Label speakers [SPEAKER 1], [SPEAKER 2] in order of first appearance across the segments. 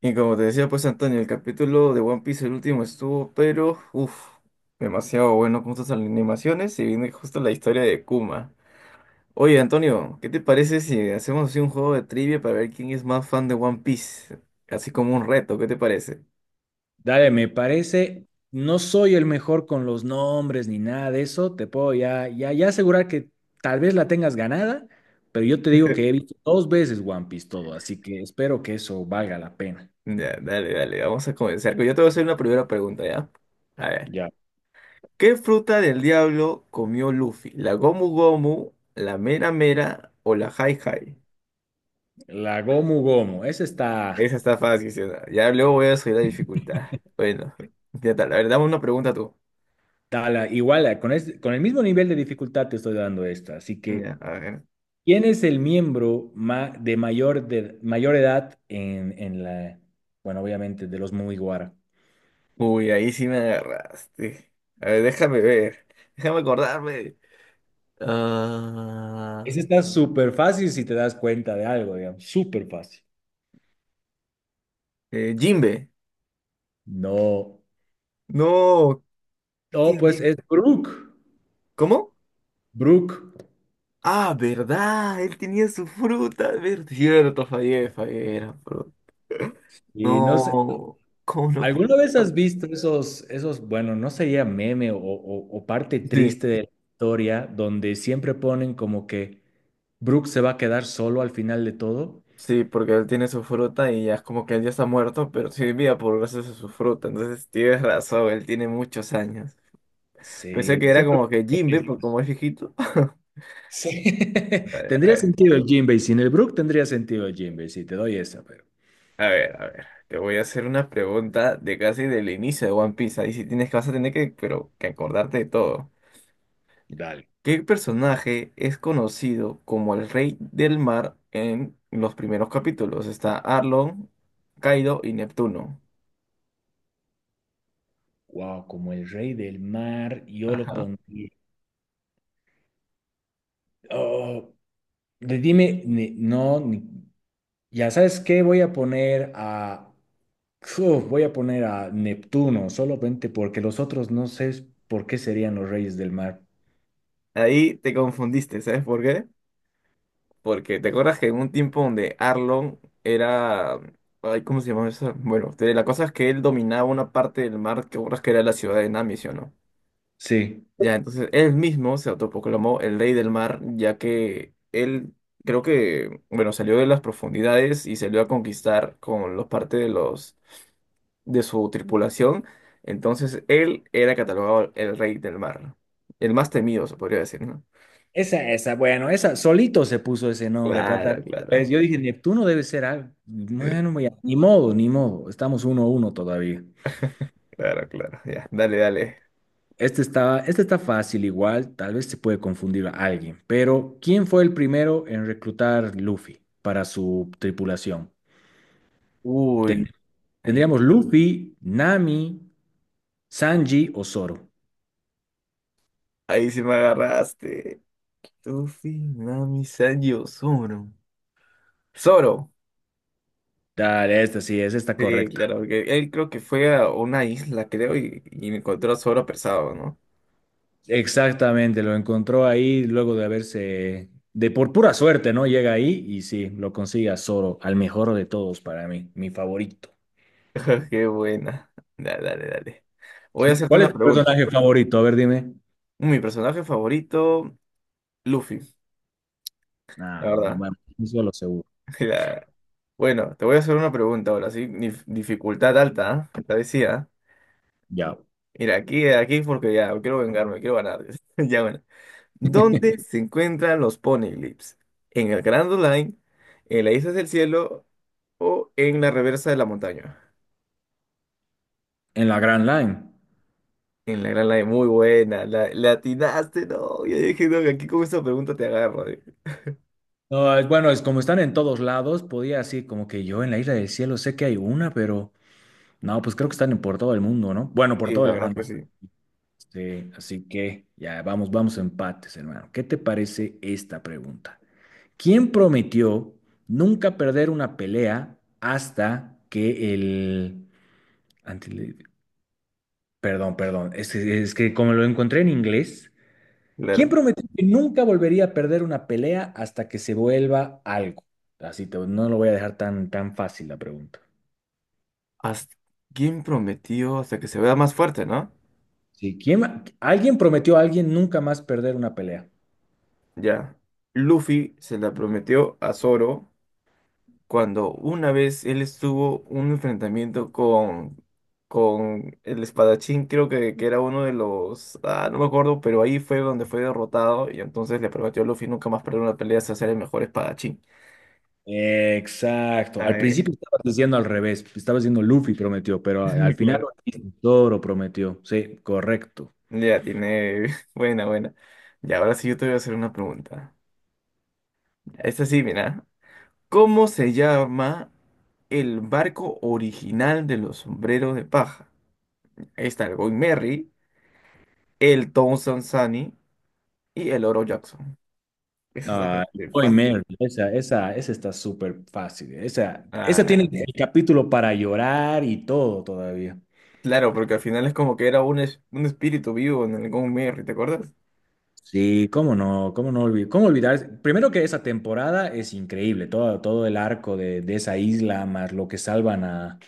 [SPEAKER 1] Y como te decía, pues Antonio, el capítulo de One Piece, el último estuvo, pero, demasiado bueno con sus animaciones y viene justo la historia de Kuma. Oye, Antonio, ¿qué te parece si hacemos así un juego de trivia para ver quién es más fan de One Piece? Así como un reto, ¿qué te parece?
[SPEAKER 2] Dale, me parece, no soy el mejor con los nombres ni nada de eso, te puedo ya asegurar que tal vez la tengas ganada, pero yo te digo que he visto dos veces One Piece todo, así que espero que eso valga la pena.
[SPEAKER 1] Ya, dale, dale, vamos a comenzar. Yo te voy a hacer una primera pregunta, ¿ya? A ver,
[SPEAKER 2] Ya,
[SPEAKER 1] ¿qué fruta del diablo comió Luffy? ¿La Gomu Gomu, la Mera Mera o la Hai Hai?
[SPEAKER 2] la Gomu Gomu, esa está,
[SPEAKER 1] Esa está fácil, sí, ¿no? Ya luego voy a subir la dificultad. Bueno, ya tal. A ver, dame una pregunta tú.
[SPEAKER 2] igual, con el mismo nivel de dificultad te estoy dando esta, así que
[SPEAKER 1] Ya, a ver.
[SPEAKER 2] ¿quién es de mayor edad en la, bueno, obviamente de los Mugiwara?
[SPEAKER 1] Uy, ahí sí me agarraste. A ver. Déjame acordarme. Ah,
[SPEAKER 2] Ese está súper fácil si te das cuenta de algo, digamos, súper fácil.
[SPEAKER 1] Jimbe.
[SPEAKER 2] No,
[SPEAKER 1] No,
[SPEAKER 2] no,
[SPEAKER 1] ¿quién,
[SPEAKER 2] pues
[SPEAKER 1] quién?
[SPEAKER 2] es Brooke,
[SPEAKER 1] ¿Cómo?
[SPEAKER 2] Brooke.
[SPEAKER 1] Ah, ¿verdad? Él tenía su fruta. Cierto, fallé. Era fruta.
[SPEAKER 2] Y no sé,
[SPEAKER 1] No, ¿cómo lo puedo
[SPEAKER 2] ¿alguna vez has
[SPEAKER 1] acordar?
[SPEAKER 2] visto esos, bueno, no sería meme o parte
[SPEAKER 1] Sí.
[SPEAKER 2] triste de la historia donde siempre ponen como que Brooke se va a quedar solo al final de todo?
[SPEAKER 1] Sí, porque él tiene su fruta y ya es como que él ya está muerto, pero sí vivía por gracias a su fruta. Entonces tienes razón, él tiene muchos años. Pensé
[SPEAKER 2] Sí,
[SPEAKER 1] que era
[SPEAKER 2] siempre.
[SPEAKER 1] como que Jimbe, por como es viejito.
[SPEAKER 2] Sí.
[SPEAKER 1] A
[SPEAKER 2] Tendría
[SPEAKER 1] ver,
[SPEAKER 2] sentido el Jinbei, sin el Brook tendría sentido el Jinbei, sí, te doy esa, pero
[SPEAKER 1] a ver. Te voy a hacer una pregunta de casi del inicio de One Piece. Ahí sí tienes que vas a tener que, pero que acordarte de todo.
[SPEAKER 2] dale.
[SPEAKER 1] ¿Qué personaje es conocido como el Rey del Mar en los primeros capítulos? Está Arlong, Kaido y Neptuno.
[SPEAKER 2] Wow, como el rey del mar, yo lo
[SPEAKER 1] Ajá.
[SPEAKER 2] pondría. Oh, dime, ya sabes qué, voy a poner a, Uf, voy a poner a Neptuno, solamente porque los otros no sé por qué serían los reyes del mar.
[SPEAKER 1] Ahí te confundiste, ¿sabes por qué? Porque te acuerdas que en un tiempo donde Arlon era. Ay, ¿cómo se llamaba eso? Bueno, la cosa es que él dominaba una parte del mar que ahora que era la ciudad de Nami, ¿sí o no?
[SPEAKER 2] Sí,
[SPEAKER 1] Ya, entonces él mismo se autoproclamó el rey del mar, ya que él creo que, bueno, salió de las profundidades y salió a conquistar con los parte de los de su tripulación. Entonces él era catalogado el rey del mar. El más temido, se podría decir, ¿no?
[SPEAKER 2] esa, bueno, esa, solito se puso ese nombre, pata.
[SPEAKER 1] Claro, claro.
[SPEAKER 2] Pues yo dije, Neptuno debe ser algo. Bueno, ni modo, ni modo, estamos uno a uno todavía.
[SPEAKER 1] Claro, claro, ya, dale, dale.
[SPEAKER 2] Este está fácil igual, tal vez se puede confundir a alguien, pero ¿quién fue el primero en reclutar Luffy para su tripulación? Ten-
[SPEAKER 1] Uy, ahí,
[SPEAKER 2] Tendríamos Luffy, Nami, Sanji o Zoro.
[SPEAKER 1] ahí sí me agarraste. Tufi, Nami, Sanji, Zoro. Zoro.
[SPEAKER 2] Dale, esta
[SPEAKER 1] Sí,
[SPEAKER 2] correcta.
[SPEAKER 1] claro, porque él creo que fue a una isla, creo, y encontró a Zoro pesado, ¿no?
[SPEAKER 2] Exactamente, lo encontró ahí luego de haberse, de por pura suerte, ¿no? Llega ahí y sí, lo consigue a Zoro, al mejor de todos para mí, mi favorito.
[SPEAKER 1] Qué buena. Dale, dale, dale. Voy a hacerte
[SPEAKER 2] ¿Cuál
[SPEAKER 1] una
[SPEAKER 2] es tu
[SPEAKER 1] pregunta.
[SPEAKER 2] personaje favorito? A ver, dime.
[SPEAKER 1] Mi personaje favorito, Luffy, la
[SPEAKER 2] Ah, bueno,
[SPEAKER 1] verdad.
[SPEAKER 2] hermano, eso lo seguro.
[SPEAKER 1] La- Bueno, te voy a hacer una pregunta ahora, sí. Dificultad alta, ¿ah? Te decía.
[SPEAKER 2] Ya.
[SPEAKER 1] Mira, aquí porque ya, quiero vengarme, quiero ganar. Ya, bueno. ¿Dónde se encuentran los poneglyphs? ¿En el Grand Line, en la Isla del Cielo o en la reversa de la montaña?
[SPEAKER 2] En la Grand Line.
[SPEAKER 1] En la Grand Line, muy buena, la atinaste, no, yo dije, no, aquí con esta pregunta te agarro.
[SPEAKER 2] No, bueno, es como están en todos lados, podía así como que yo en la Isla del Cielo sé que hay una, pero no, pues creo que por todo el mundo, ¿no? Bueno, por
[SPEAKER 1] Sí,
[SPEAKER 2] todo
[SPEAKER 1] la
[SPEAKER 2] el
[SPEAKER 1] verdad
[SPEAKER 2] Grand
[SPEAKER 1] que
[SPEAKER 2] Line.
[SPEAKER 1] sí,
[SPEAKER 2] Sí, así que ya vamos, vamos a empates, hermano. ¿Qué te parece esta pregunta? ¿Quién prometió nunca perder una pelea hasta que el... ante- Perdón, perdón, es que como lo encontré en inglés, ¿quién
[SPEAKER 1] claro.
[SPEAKER 2] prometió que nunca volvería a perder una pelea hasta que se vuelva algo? Así te, no lo voy a dejar tan fácil la pregunta.
[SPEAKER 1] Hasta- ¿Quién prometió hasta que se vea más fuerte, no?
[SPEAKER 2] Sí, alguien prometió a alguien nunca más perder una pelea.
[SPEAKER 1] Ya, Luffy se la prometió a Zoro cuando una vez él estuvo un enfrentamiento con el espadachín, creo que era uno de los, no me acuerdo, pero ahí fue donde fue derrotado y entonces le prometió a Luffy nunca más perder una pelea hasta ser el mejor espadachín.
[SPEAKER 2] Exacto.
[SPEAKER 1] ah
[SPEAKER 2] Al
[SPEAKER 1] Ay,
[SPEAKER 2] principio estabas diciendo al revés. Estabas diciendo Luffy prometió, pero al final
[SPEAKER 1] claro.
[SPEAKER 2] Zoro prometió. Sí, correcto.
[SPEAKER 1] Ya tiene, buena, buena. Y ahora sí yo te voy a hacer una pregunta. Esta sí, mira. ¿Cómo se llama el barco original de los sombreros de paja? Ahí está el Going Merry, el Tom Sansani y el Oro Jackson. Esa es la
[SPEAKER 2] Ah,
[SPEAKER 1] que
[SPEAKER 2] Boy
[SPEAKER 1] fácil.
[SPEAKER 2] Merry, esa está súper fácil. Esa tiene
[SPEAKER 1] Ah,
[SPEAKER 2] el capítulo para llorar y todo todavía.
[SPEAKER 1] claro, porque al final es como que era un espíritu vivo en el Gone, ¿te acuerdas?
[SPEAKER 2] Sí, cómo no olvidar, cómo olvidar. Primero que esa temporada es increíble, todo, todo el arco de esa isla, más lo que salvan a.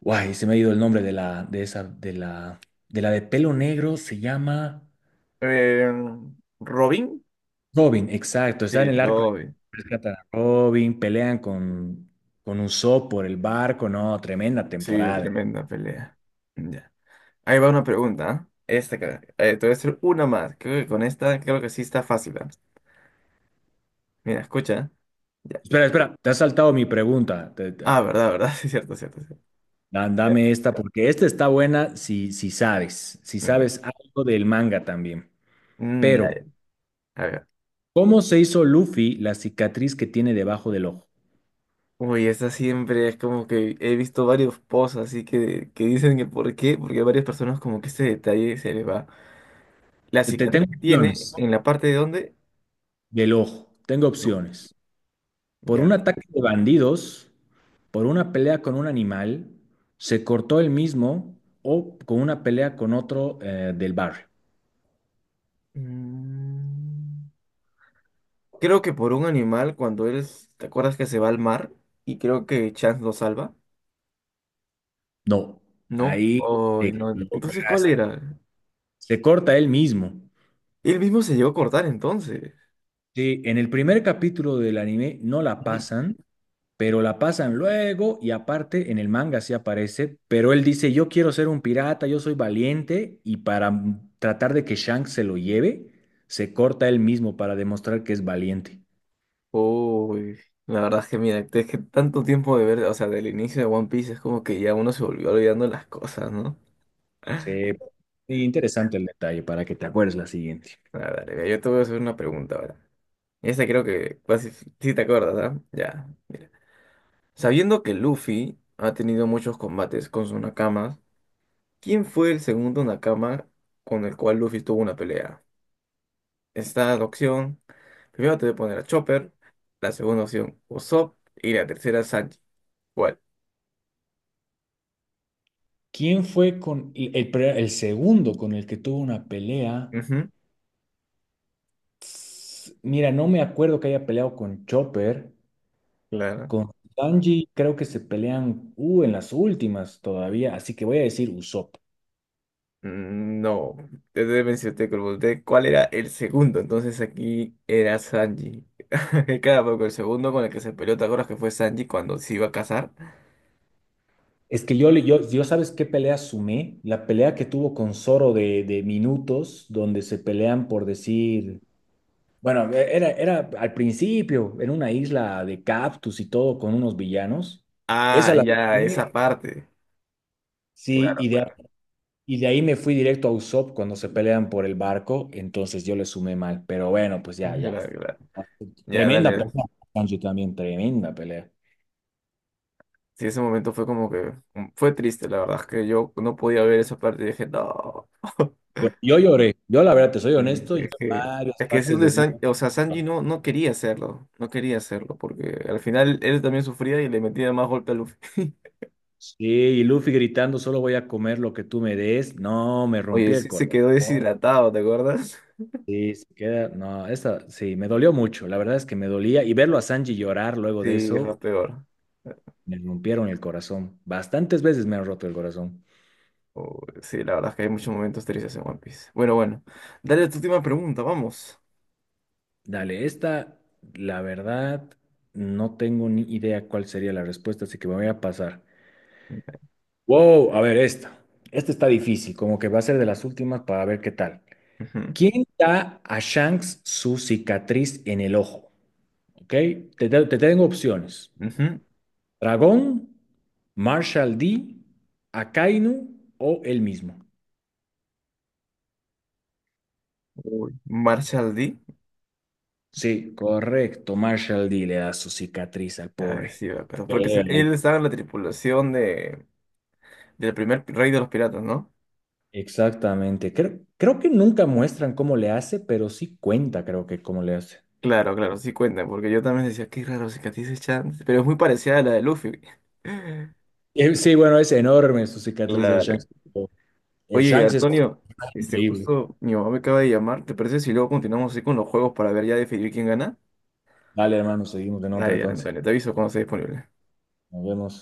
[SPEAKER 2] Guay, se me ha ido el nombre de la de pelo negro, se llama
[SPEAKER 1] Eh, Robin.
[SPEAKER 2] Robin, exacto. Está
[SPEAKER 1] Sí,
[SPEAKER 2] en el arco,
[SPEAKER 1] Robin.
[SPEAKER 2] rescatan a Robin, pelean con Usopp por el barco, no, tremenda
[SPEAKER 1] Sí,
[SPEAKER 2] temporada.
[SPEAKER 1] tremenda pelea. Ya. Ahí va una pregunta, ¿eh? Esta, cara. Te voy a hacer una más. Creo que con esta, creo que sí está fácil, ¿ah? Mira, escucha, ¿eh? Ya.
[SPEAKER 2] Espera, espera, te has saltado mi pregunta.
[SPEAKER 1] Ah, verdad, verdad. Sí, cierto, cierto, cierto. Ya.
[SPEAKER 2] Dame esta, porque esta está buena si sabes, si
[SPEAKER 1] Mm, ya.
[SPEAKER 2] sabes algo del manga también.
[SPEAKER 1] Mm,
[SPEAKER 2] Pero,
[SPEAKER 1] ya, ya. A ver.
[SPEAKER 2] ¿cómo se hizo Luffy la cicatriz que tiene debajo del ojo?
[SPEAKER 1] Uy, esa siempre es como que he visto varios posts así que dicen que por qué, porque a varias personas como que este detalle se le va. La cicatriz
[SPEAKER 2] Tengo
[SPEAKER 1] que tiene
[SPEAKER 2] opciones
[SPEAKER 1] en la parte de donde,
[SPEAKER 2] del ojo, tengo
[SPEAKER 1] no,
[SPEAKER 2] opciones. Por
[SPEAKER 1] ya.
[SPEAKER 2] un ataque de bandidos, por una pelea con un animal, se cortó el mismo o con una pelea con otro del barrio.
[SPEAKER 1] Mm, Creo que por un animal cuando él, ¿te acuerdas que se va al mar? Y creo que Chance lo salva.
[SPEAKER 2] No,
[SPEAKER 1] No,
[SPEAKER 2] ahí te
[SPEAKER 1] Ay, no. Entonces, ¿cuál
[SPEAKER 2] equivocaste.
[SPEAKER 1] era?
[SPEAKER 2] Se corta él mismo.
[SPEAKER 1] Él mismo se llegó a cortar entonces.
[SPEAKER 2] Sí, en el primer capítulo del anime no la pasan pero la pasan luego y aparte en el manga sí aparece, pero él dice, yo quiero ser un pirata, yo soy valiente y para tratar de que Shanks se lo lleve, se corta él mismo para demostrar que es valiente.
[SPEAKER 1] Uy, la verdad es que mira, es que tanto tiempo de ver, o sea, del inicio de One Piece es como que ya uno se volvió olvidando las cosas, ¿no? A
[SPEAKER 2] Se... Interesante el detalle para que te acuerdes la siguiente.
[SPEAKER 1] ver, dale, mira, yo te voy a hacer una pregunta ahora. Esta creo que casi sí te acuerdas, ¿ah? Ya, mira. Sabiendo que Luffy ha tenido muchos combates con sus nakamas, ¿quién fue el segundo nakama con el cual Luffy tuvo una pelea? Esta opción, primero te voy a poner a Chopper, la segunda opción Usopp y la tercera Sanji. ¿Cuál?
[SPEAKER 2] ¿Quién fue el segundo con el que tuvo una pelea?
[SPEAKER 1] Ujú,
[SPEAKER 2] Mira, no me acuerdo que haya peleado con Chopper.
[SPEAKER 1] claro.
[SPEAKER 2] Con Sanji creo que se pelean en las últimas todavía, así que voy a decir Usopp.
[SPEAKER 1] Mm, no, te deben ser te pregunté cuál era el segundo. Entonces aquí era Sanji. Cada poco el segundo con el que se peleó, ¿te acuerdas que fue Sanji cuando se iba a casar?
[SPEAKER 2] Es que yo, yo, ¿sabes qué pelea sumé? La pelea que tuvo con Zoro de minutos, donde se pelean por decir, bueno, era al principio, en una isla de cactus y todo, con unos villanos.
[SPEAKER 1] Ah,
[SPEAKER 2] Esa la
[SPEAKER 1] ya,
[SPEAKER 2] sumé,
[SPEAKER 1] esa parte.
[SPEAKER 2] sí,
[SPEAKER 1] Claro, claro.
[SPEAKER 2] y de ahí me fui directo a Usopp cuando se pelean por el barco, entonces yo le sumé mal, pero bueno, pues ya, ya.
[SPEAKER 1] Claro, claro. Ya,
[SPEAKER 2] Tremenda
[SPEAKER 1] dale.
[SPEAKER 2] pelea, Sanji también, tremenda pelea.
[SPEAKER 1] Sí, ese momento fue como que fue triste, la verdad es que yo no podía ver esa parte y dije, no.
[SPEAKER 2] Yo lloré, yo la verdad, te soy honesto,
[SPEAKER 1] Y
[SPEAKER 2] yo
[SPEAKER 1] es
[SPEAKER 2] en
[SPEAKER 1] que,
[SPEAKER 2] varias
[SPEAKER 1] es que es
[SPEAKER 2] partes de...
[SPEAKER 1] O sea, Sanji no, no quería hacerlo, no quería hacerlo, porque al final él también sufría y le metía más golpe a Luffy.
[SPEAKER 2] Sí, y Luffy gritando, solo voy a comer lo que tú me des. No, me rompí
[SPEAKER 1] Oye,
[SPEAKER 2] el
[SPEAKER 1] sí se
[SPEAKER 2] corazón.
[SPEAKER 1] quedó deshidratado, ¿te acuerdas?
[SPEAKER 2] Sí, se queda. No, esa sí, me dolió mucho. La verdad es que me dolía. Y verlo a Sanji llorar luego de
[SPEAKER 1] Sí, es
[SPEAKER 2] eso,
[SPEAKER 1] lo peor.
[SPEAKER 2] me rompieron el corazón. Bastantes veces me han roto el corazón.
[SPEAKER 1] Oh, sí, la verdad es que hay muchos momentos tristes en One Piece. Bueno, bueno. Dale a tu última pregunta, vamos.
[SPEAKER 2] Dale, esta, la verdad, no tengo ni idea cuál sería la respuesta, así que me voy a pasar. Wow, a ver, esta. Esta está difícil, como que va a ser de las últimas para ver qué tal.
[SPEAKER 1] Ujú,
[SPEAKER 2] ¿Quién da a Shanks su cicatriz en el ojo? ¿Ok? Te tengo opciones.
[SPEAKER 1] ujú.
[SPEAKER 2] Dragón, Marshall D, Akainu o el mismo.
[SPEAKER 1] Uy, Marshall D.
[SPEAKER 2] Sí, correcto. Marshall D le da su cicatriz al
[SPEAKER 1] Ya,
[SPEAKER 2] pobre.
[SPEAKER 1] sí, me acuerdo.
[SPEAKER 2] Pelea.
[SPEAKER 1] Él estaba en la tripulación de, del rey de los piratas, ¿no?
[SPEAKER 2] Exactamente. Creo, creo que nunca muestran cómo le hace, pero sí cuenta, creo que cómo le hace.
[SPEAKER 1] Claro, claro, sí cuenta, porque yo también decía, qué raro, cicatrices Chance, pero es muy parecida a la de Luffy.
[SPEAKER 2] Sí, bueno, es enorme su cicatriz del
[SPEAKER 1] Claro,
[SPEAKER 2] Shanks. El
[SPEAKER 1] oye,
[SPEAKER 2] Shanks es
[SPEAKER 1] Antonio, este,
[SPEAKER 2] increíble.
[SPEAKER 1] justo mi mamá me acaba de llamar. ¿Te parece si luego continuamos así con los juegos para ver ya definir quién gana?
[SPEAKER 2] Vale, hermano, seguimos en otra
[SPEAKER 1] Dale, ya,
[SPEAKER 2] entonces.
[SPEAKER 1] Antonio, te aviso cuando esté disponible.
[SPEAKER 2] Nos vemos.